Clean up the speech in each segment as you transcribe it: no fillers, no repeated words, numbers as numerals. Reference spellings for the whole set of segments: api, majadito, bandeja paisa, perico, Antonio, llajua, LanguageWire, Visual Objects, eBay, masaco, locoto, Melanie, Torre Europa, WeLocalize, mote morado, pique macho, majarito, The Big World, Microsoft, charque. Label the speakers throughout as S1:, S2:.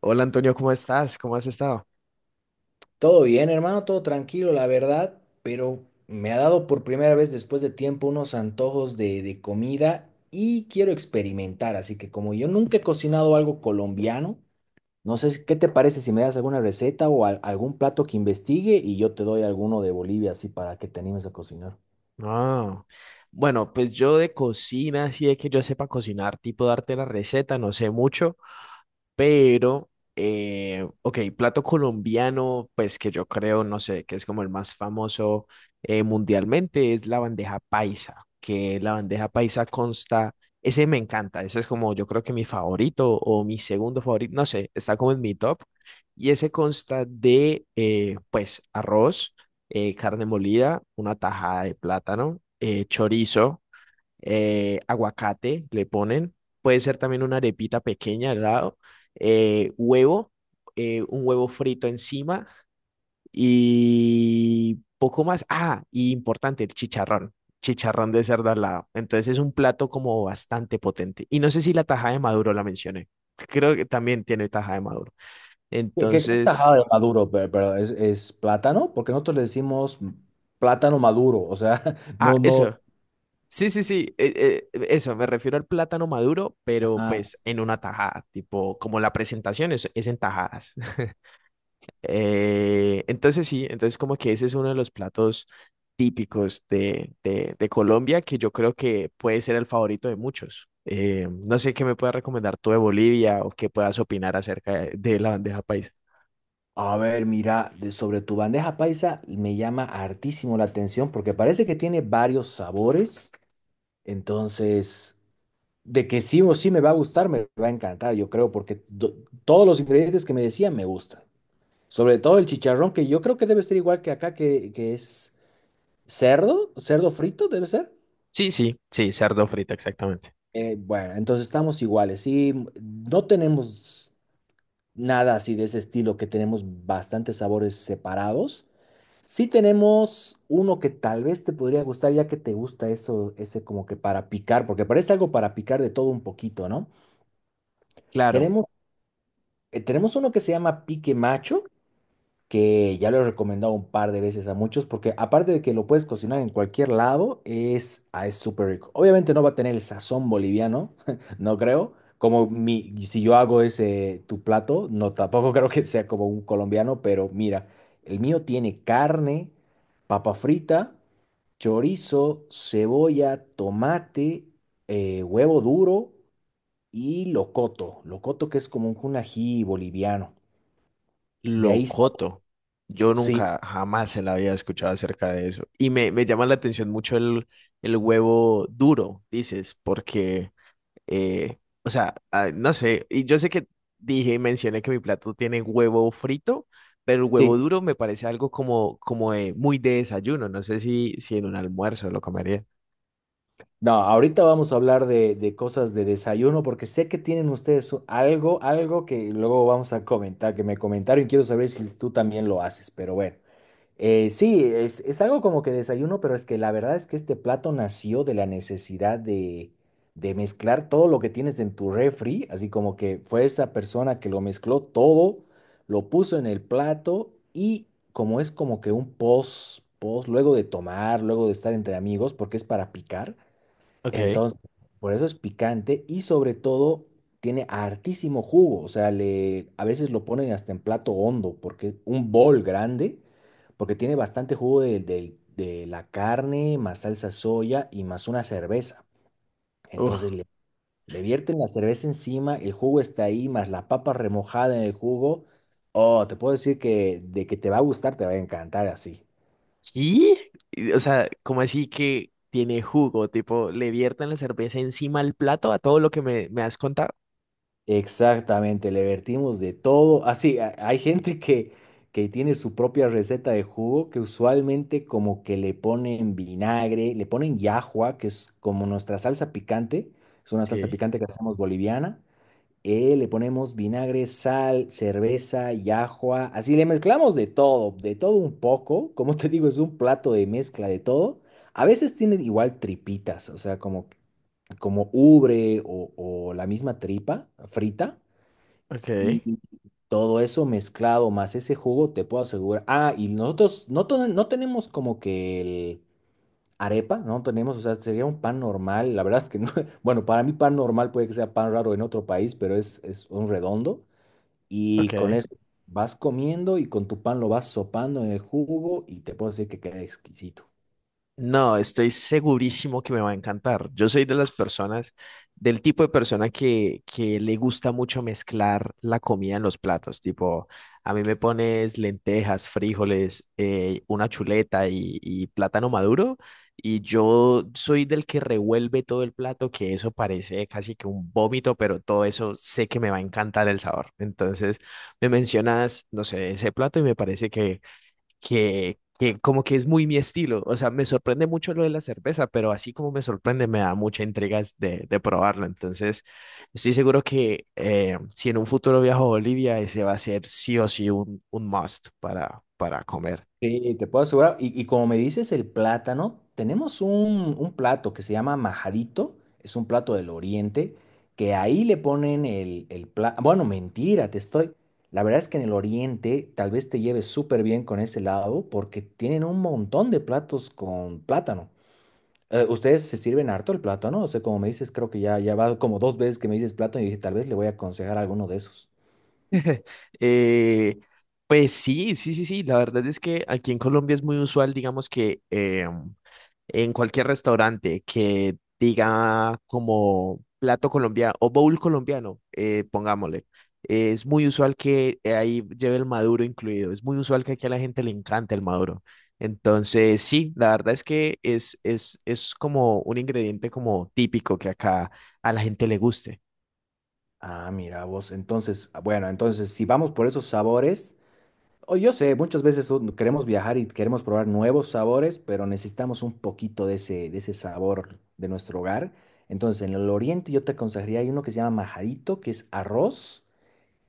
S1: Hola Antonio, ¿cómo estás? ¿Cómo has estado?
S2: Todo bien, hermano, todo tranquilo, la verdad, pero me ha dado por primera vez después de tiempo unos antojos de comida y quiero experimentar, así que como yo nunca he cocinado algo colombiano, no sé si- ¿qué te parece si me das alguna receta o algún plato que investigue y yo te doy alguno de Bolivia así para que te animes a cocinar?
S1: Ah, bueno, pues yo de cocina, así de que yo sepa cocinar, tipo darte la receta, no sé mucho. Pero, ok, plato colombiano, pues que yo creo, no sé, que es como el más famoso mundialmente, es la bandeja paisa, que la bandeja paisa consta, ese me encanta, ese es como yo creo que mi favorito o mi segundo favorito, no sé, está como en mi top, y ese consta de, pues, arroz, carne molida, una tajada de plátano, chorizo, aguacate le ponen, puede ser también una arepita pequeña al lado, huevo, un huevo frito encima y poco más. Ah, y importante, el chicharrón, chicharrón de cerdo al lado. Entonces es un plato como bastante potente. Y no sé si la tajada de maduro la mencioné. Creo que también tiene tajada de maduro.
S2: ¿Qué es
S1: Entonces,
S2: tajada de maduro? Pero es plátano, porque nosotros le decimos plátano maduro, o sea,
S1: ah,
S2: no, no.
S1: eso. Sí, sí, sí, eso, me refiero al plátano maduro, pero pues en una tajada, tipo, como la presentación es en tajadas. Entonces sí, entonces como que ese es uno de los platos típicos de Colombia que yo creo que puede ser el favorito de muchos. No sé qué me puedas recomendar tú de Bolivia o qué puedas opinar acerca de la bandeja paisa.
S2: A ver, mira, sobre tu bandeja paisa me llama hartísimo la atención porque parece que tiene varios sabores. Entonces, de que sí o sí me va a gustar, me va a encantar, yo creo, porque todos los ingredientes que me decían me gustan. Sobre todo el chicharrón, que yo creo que debe ser igual que acá, que es cerdo, cerdo frito, debe ser.
S1: Sí, sí, sí, cerdo frito, exactamente.
S2: Bueno, entonces estamos iguales. Sí, no tenemos nada así de ese estilo, que tenemos bastantes sabores separados. Sí tenemos uno que tal vez te podría gustar, ya que te gusta eso, ese como que para picar, porque parece algo para picar de todo un poquito, ¿no?
S1: Claro.
S2: Tenemos, tenemos uno que se llama pique macho, que ya lo he recomendado un par de veces a muchos, porque aparte de que lo puedes cocinar en cualquier lado, es súper rico. Obviamente no va a tener el sazón boliviano, no creo. Como mi, si yo hago ese tu plato, no tampoco creo que sea como un colombiano, pero mira, el mío tiene carne, papa frita, chorizo, cebolla, tomate, huevo duro y locoto. Locoto que es como un ají boliviano. De ahí, sa-
S1: Locoto. Yo
S2: sí.
S1: nunca, jamás se la había escuchado acerca de eso. Y me llama la atención mucho el huevo duro, dices, porque, o sea, ah, no sé, y yo sé que dije y mencioné que mi plato tiene huevo frito, pero el
S2: Sí,
S1: huevo duro me parece algo como, muy de desayuno. No sé si, si en un almuerzo lo comería.
S2: no, ahorita vamos a hablar de cosas de desayuno porque sé que tienen ustedes algo, algo que luego vamos a comentar, que me comentaron y quiero saber si tú también lo haces, pero bueno. Sí, es algo como que desayuno, pero es que la verdad es que este plato nació de la necesidad de mezclar todo lo que tienes en tu refri, así como que fue esa persona que lo mezcló todo, lo puso en el plato y como es como que un post, luego de tomar, luego de estar entre amigos, porque es para picar.
S1: Ok.
S2: Entonces, por eso es picante y sobre todo tiene hartísimo jugo. O sea, le, a veces lo ponen hasta en plato hondo, porque un bol grande, porque tiene bastante jugo de la carne, más salsa soya y más una cerveza. Entonces
S1: Uf.
S2: le, le vierten la cerveza encima, el jugo está ahí, más la papa remojada en el jugo. Oh, te puedo decir que de que te va a gustar, te va a encantar así.
S1: ¿Y? Y, o sea, ¿como así que tiene jugo? Tipo, ¿le vierten la cerveza encima al plato a todo lo que me has contado?
S2: Exactamente, le vertimos de todo. Así, hay gente que tiene su propia receta de jugo que usualmente como que le ponen vinagre, le ponen llajua, que es como nuestra salsa picante, es una salsa
S1: Sí,
S2: picante que hacemos boliviana, le ponemos vinagre, sal, cerveza y ajua. Así le mezclamos de todo un poco. Como te digo, es un plato de mezcla de todo. A veces tiene igual tripitas, o sea, como, como ubre o la misma tripa frita.
S1: ok,
S2: Y todo eso mezclado más ese jugo, te puedo asegurar. Ah, y nosotros no tenemos como que el arepa, no tenemos, o sea, sería un pan normal. La verdad es que no. Bueno, para mí pan normal puede que sea pan raro en otro país, pero es un redondo. Y con
S1: ok.
S2: eso vas comiendo y con tu pan lo vas sopando en el jugo y te puedo decir que queda exquisito.
S1: No, estoy segurísimo que me va a encantar. Yo soy de las personas, del tipo de persona que le gusta mucho mezclar la comida en los platos. Tipo, a mí me pones lentejas, frijoles, una chuleta y plátano maduro. Y yo soy del que revuelve todo el plato, que eso parece casi que un vómito, pero todo eso sé que me va a encantar el sabor. Entonces, me mencionas, no sé, ese plato y me parece que como que es muy mi estilo. O sea, me sorprende mucho lo de la cerveza, pero así como me sorprende, me da mucha intriga de probarla. Entonces, estoy seguro que si en un futuro viajo a Bolivia, ese va a ser sí o sí un must para comer.
S2: Sí, te puedo asegurar. Y como me dices el plátano, tenemos un plato que se llama majarito, es un plato del oriente, que ahí le ponen el plátano. Bueno, mentira, te estoy. La verdad es que en el oriente tal vez te lleves súper bien con ese lado porque tienen un montón de platos con plátano. Ustedes se sirven harto el plato, ¿no? O sea, como me dices, creo que ya va como dos veces que me dices plato y dije, tal vez le voy a aconsejar alguno de esos.
S1: Eh, pues sí, sí, sí, sí. La verdad es que aquí en Colombia es muy usual, digamos que em, en cualquier restaurante que diga como plato colombiano o bowl colombiano, pongámosle. Es muy usual que ahí lleve el maduro incluido. Es muy usual que aquí a la gente le encanta el maduro. Entonces, sí, la verdad es que es como un ingrediente como típico que acá a la gente le guste.
S2: Ah, mira vos, entonces, ah, bueno, entonces si vamos por esos sabores, o yo sé, muchas veces queremos viajar y queremos probar nuevos sabores, pero necesitamos un poquito de ese sabor de nuestro hogar. Entonces, en el oriente yo te aconsejaría, hay uno que se llama majadito, que es arroz,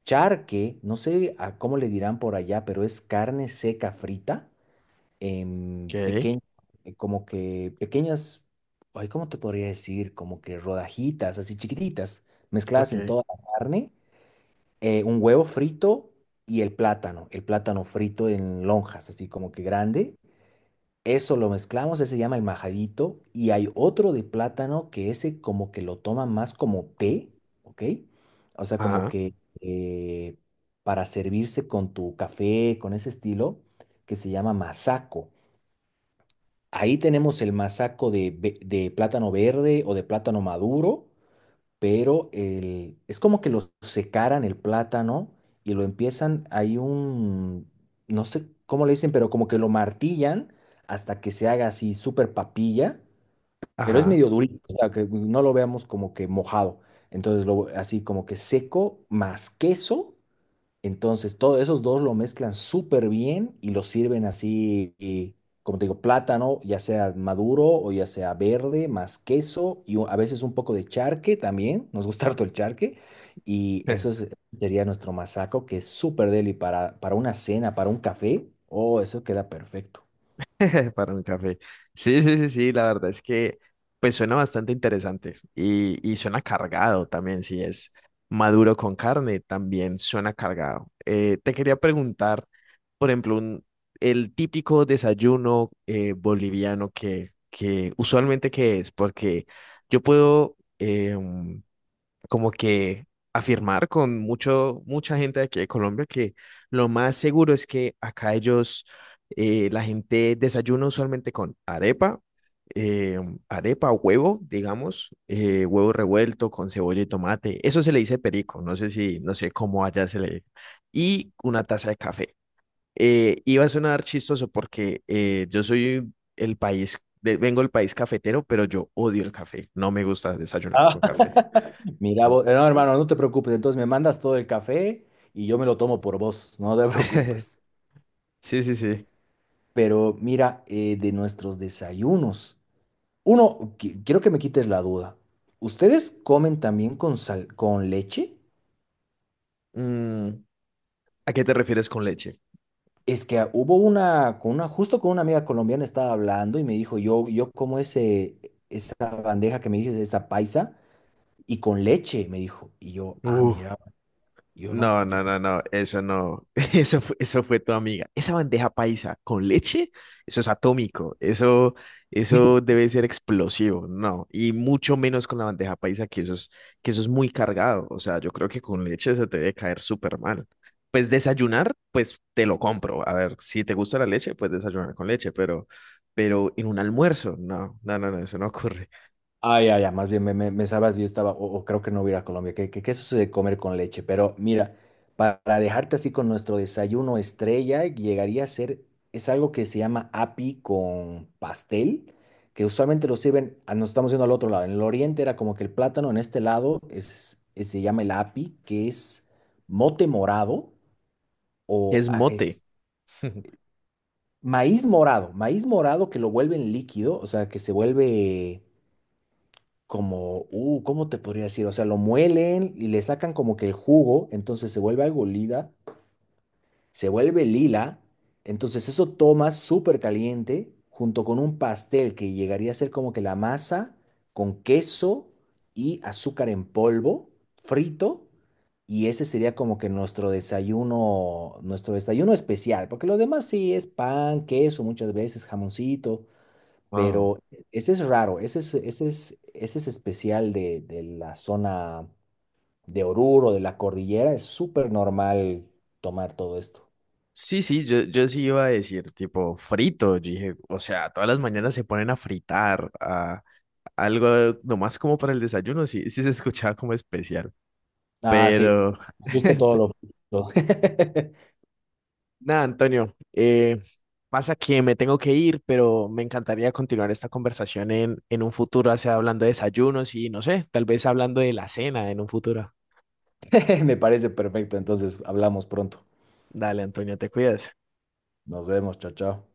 S2: charque, no sé a cómo le dirán por allá, pero es carne seca frita.
S1: Ok,
S2: Pequeño, como que pequeñas, ay, ¿cómo te podría decir? Como que rodajitas, así chiquititas, mezcladas en
S1: ok.
S2: toda la carne, un huevo frito y el plátano frito en lonjas, así como que grande. Eso lo mezclamos, ese se llama el majadito, y hay otro de plátano que ese como que lo toma más como té, ¿ok? O sea, como
S1: Ajá,
S2: que eh, para servirse con tu café, con ese estilo, que se llama masaco. Ahí tenemos el masaco de plátano verde o de plátano maduro, pero el, es como que lo secaran el plátano y lo empiezan, hay un, no sé cómo le dicen, pero como que lo martillan hasta que se haga así súper papilla, pero es
S1: ajá.
S2: medio durito, o sea, que no lo veamos como que mojado. Entonces, lo, así como que seco más queso, entonces, todos esos dos lo mezclan súper bien y lo sirven así, y, como te digo, plátano, ya sea maduro o ya sea verde, más queso y a veces un poco de charque también. Nos gusta harto el charque. Y eso es- sería nuestro masaco, que es súper deli para una cena, para un café. Oh, eso queda perfecto.
S1: Para un café. Sí, sí, sí, sí, la verdad es que pues suena bastante interesante y suena cargado también, si es maduro con carne, también suena cargado. Te quería preguntar, por ejemplo, el típico desayuno boliviano que usualmente qué es, porque yo puedo, em, como que afirmar con mucho, mucha gente de aquí de Colombia que lo más seguro es que acá ellos, la gente desayuna usualmente con arepa, eh, arepa, huevo, digamos, huevo revuelto con cebolla y tomate. Eso se le dice perico, no sé si, no sé cómo allá se le... Y una taza de café. Iba a sonar chistoso porque yo soy el país, vengo del país cafetero, pero yo odio el café, no me gusta desayunar
S2: Ah,
S1: con café.
S2: mira,
S1: En-
S2: no, hermano, no te preocupes. Entonces me mandas todo el café y yo me lo tomo por vos. No te preocupes.
S1: Sí, sí, sí.
S2: Pero mira, de nuestros desayunos. Uno, quiero que me quites la duda. ¿Ustedes comen también con con leche?
S1: Mm, ¿a qué te refieres con leche?
S2: Es que ah, hubo una, con una, justo con una amiga colombiana estaba hablando y me dijo, yo como ese, esa bandeja que me dices, esa paisa, y con leche, me dijo. Y yo, ah,
S1: Uh,
S2: mira, yo no,
S1: no,
S2: yo
S1: no, no, no, eso no. Eso fue tu amiga. Esa bandeja paisa con leche, eso es atómico. Eso debe ser explosivo, no. Y mucho menos con la bandeja paisa, que eso es muy cargado. O sea, yo creo que con leche se te debe caer súper mal. Pues desayunar, pues te lo compro. A ver, si te gusta la leche, pues desayunar con leche, pero en un almuerzo, no, no, no, no, eso no ocurre.
S2: ay, ay, ay. Más bien me, me, me sabas, yo estaba, o creo que no voy a ir a Colombia, que eso se de comer con leche, pero mira, para dejarte así con nuestro desayuno estrella, llegaría a ser, es algo que se llama api con pastel, que usualmente lo sirven, ah, nos estamos yendo al otro lado, en el oriente era como que el plátano, en este lado se llama el api, que es mote morado o
S1: Es
S2: ah,
S1: mote.
S2: maíz morado que lo vuelven líquido, o sea, que se vuelve como, ¿cómo te podría decir? O sea, lo muelen y le sacan como que el jugo, entonces se vuelve algo lila, se vuelve lila, entonces eso tomas súper caliente junto con un pastel que llegaría a ser como que la masa con queso y azúcar en polvo frito. Y ese sería como que nuestro desayuno especial, porque lo demás sí es pan, queso, muchas veces jamoncito,
S1: Wow.
S2: pero ese es raro, ese es especial de la zona de Oruro, de la cordillera, es súper normal tomar todo esto.
S1: Sí, sí, yo sí iba a decir tipo frito, yo dije, o sea, todas las mañanas se ponen a fritar, a algo nomás como para el desayuno, sí, sí se escuchaba como especial,
S2: Ah, sí,
S1: pero
S2: justo todo lo... todo.
S1: nada, Antonio, pasa que me tengo que ir, pero me encantaría continuar esta conversación en un futuro, o sea, hablando de desayunos y no sé, tal vez hablando de la cena en un futuro.
S2: Me parece perfecto, entonces hablamos pronto.
S1: Dale, Antonio, te cuidas.
S2: Nos vemos, chao, chao.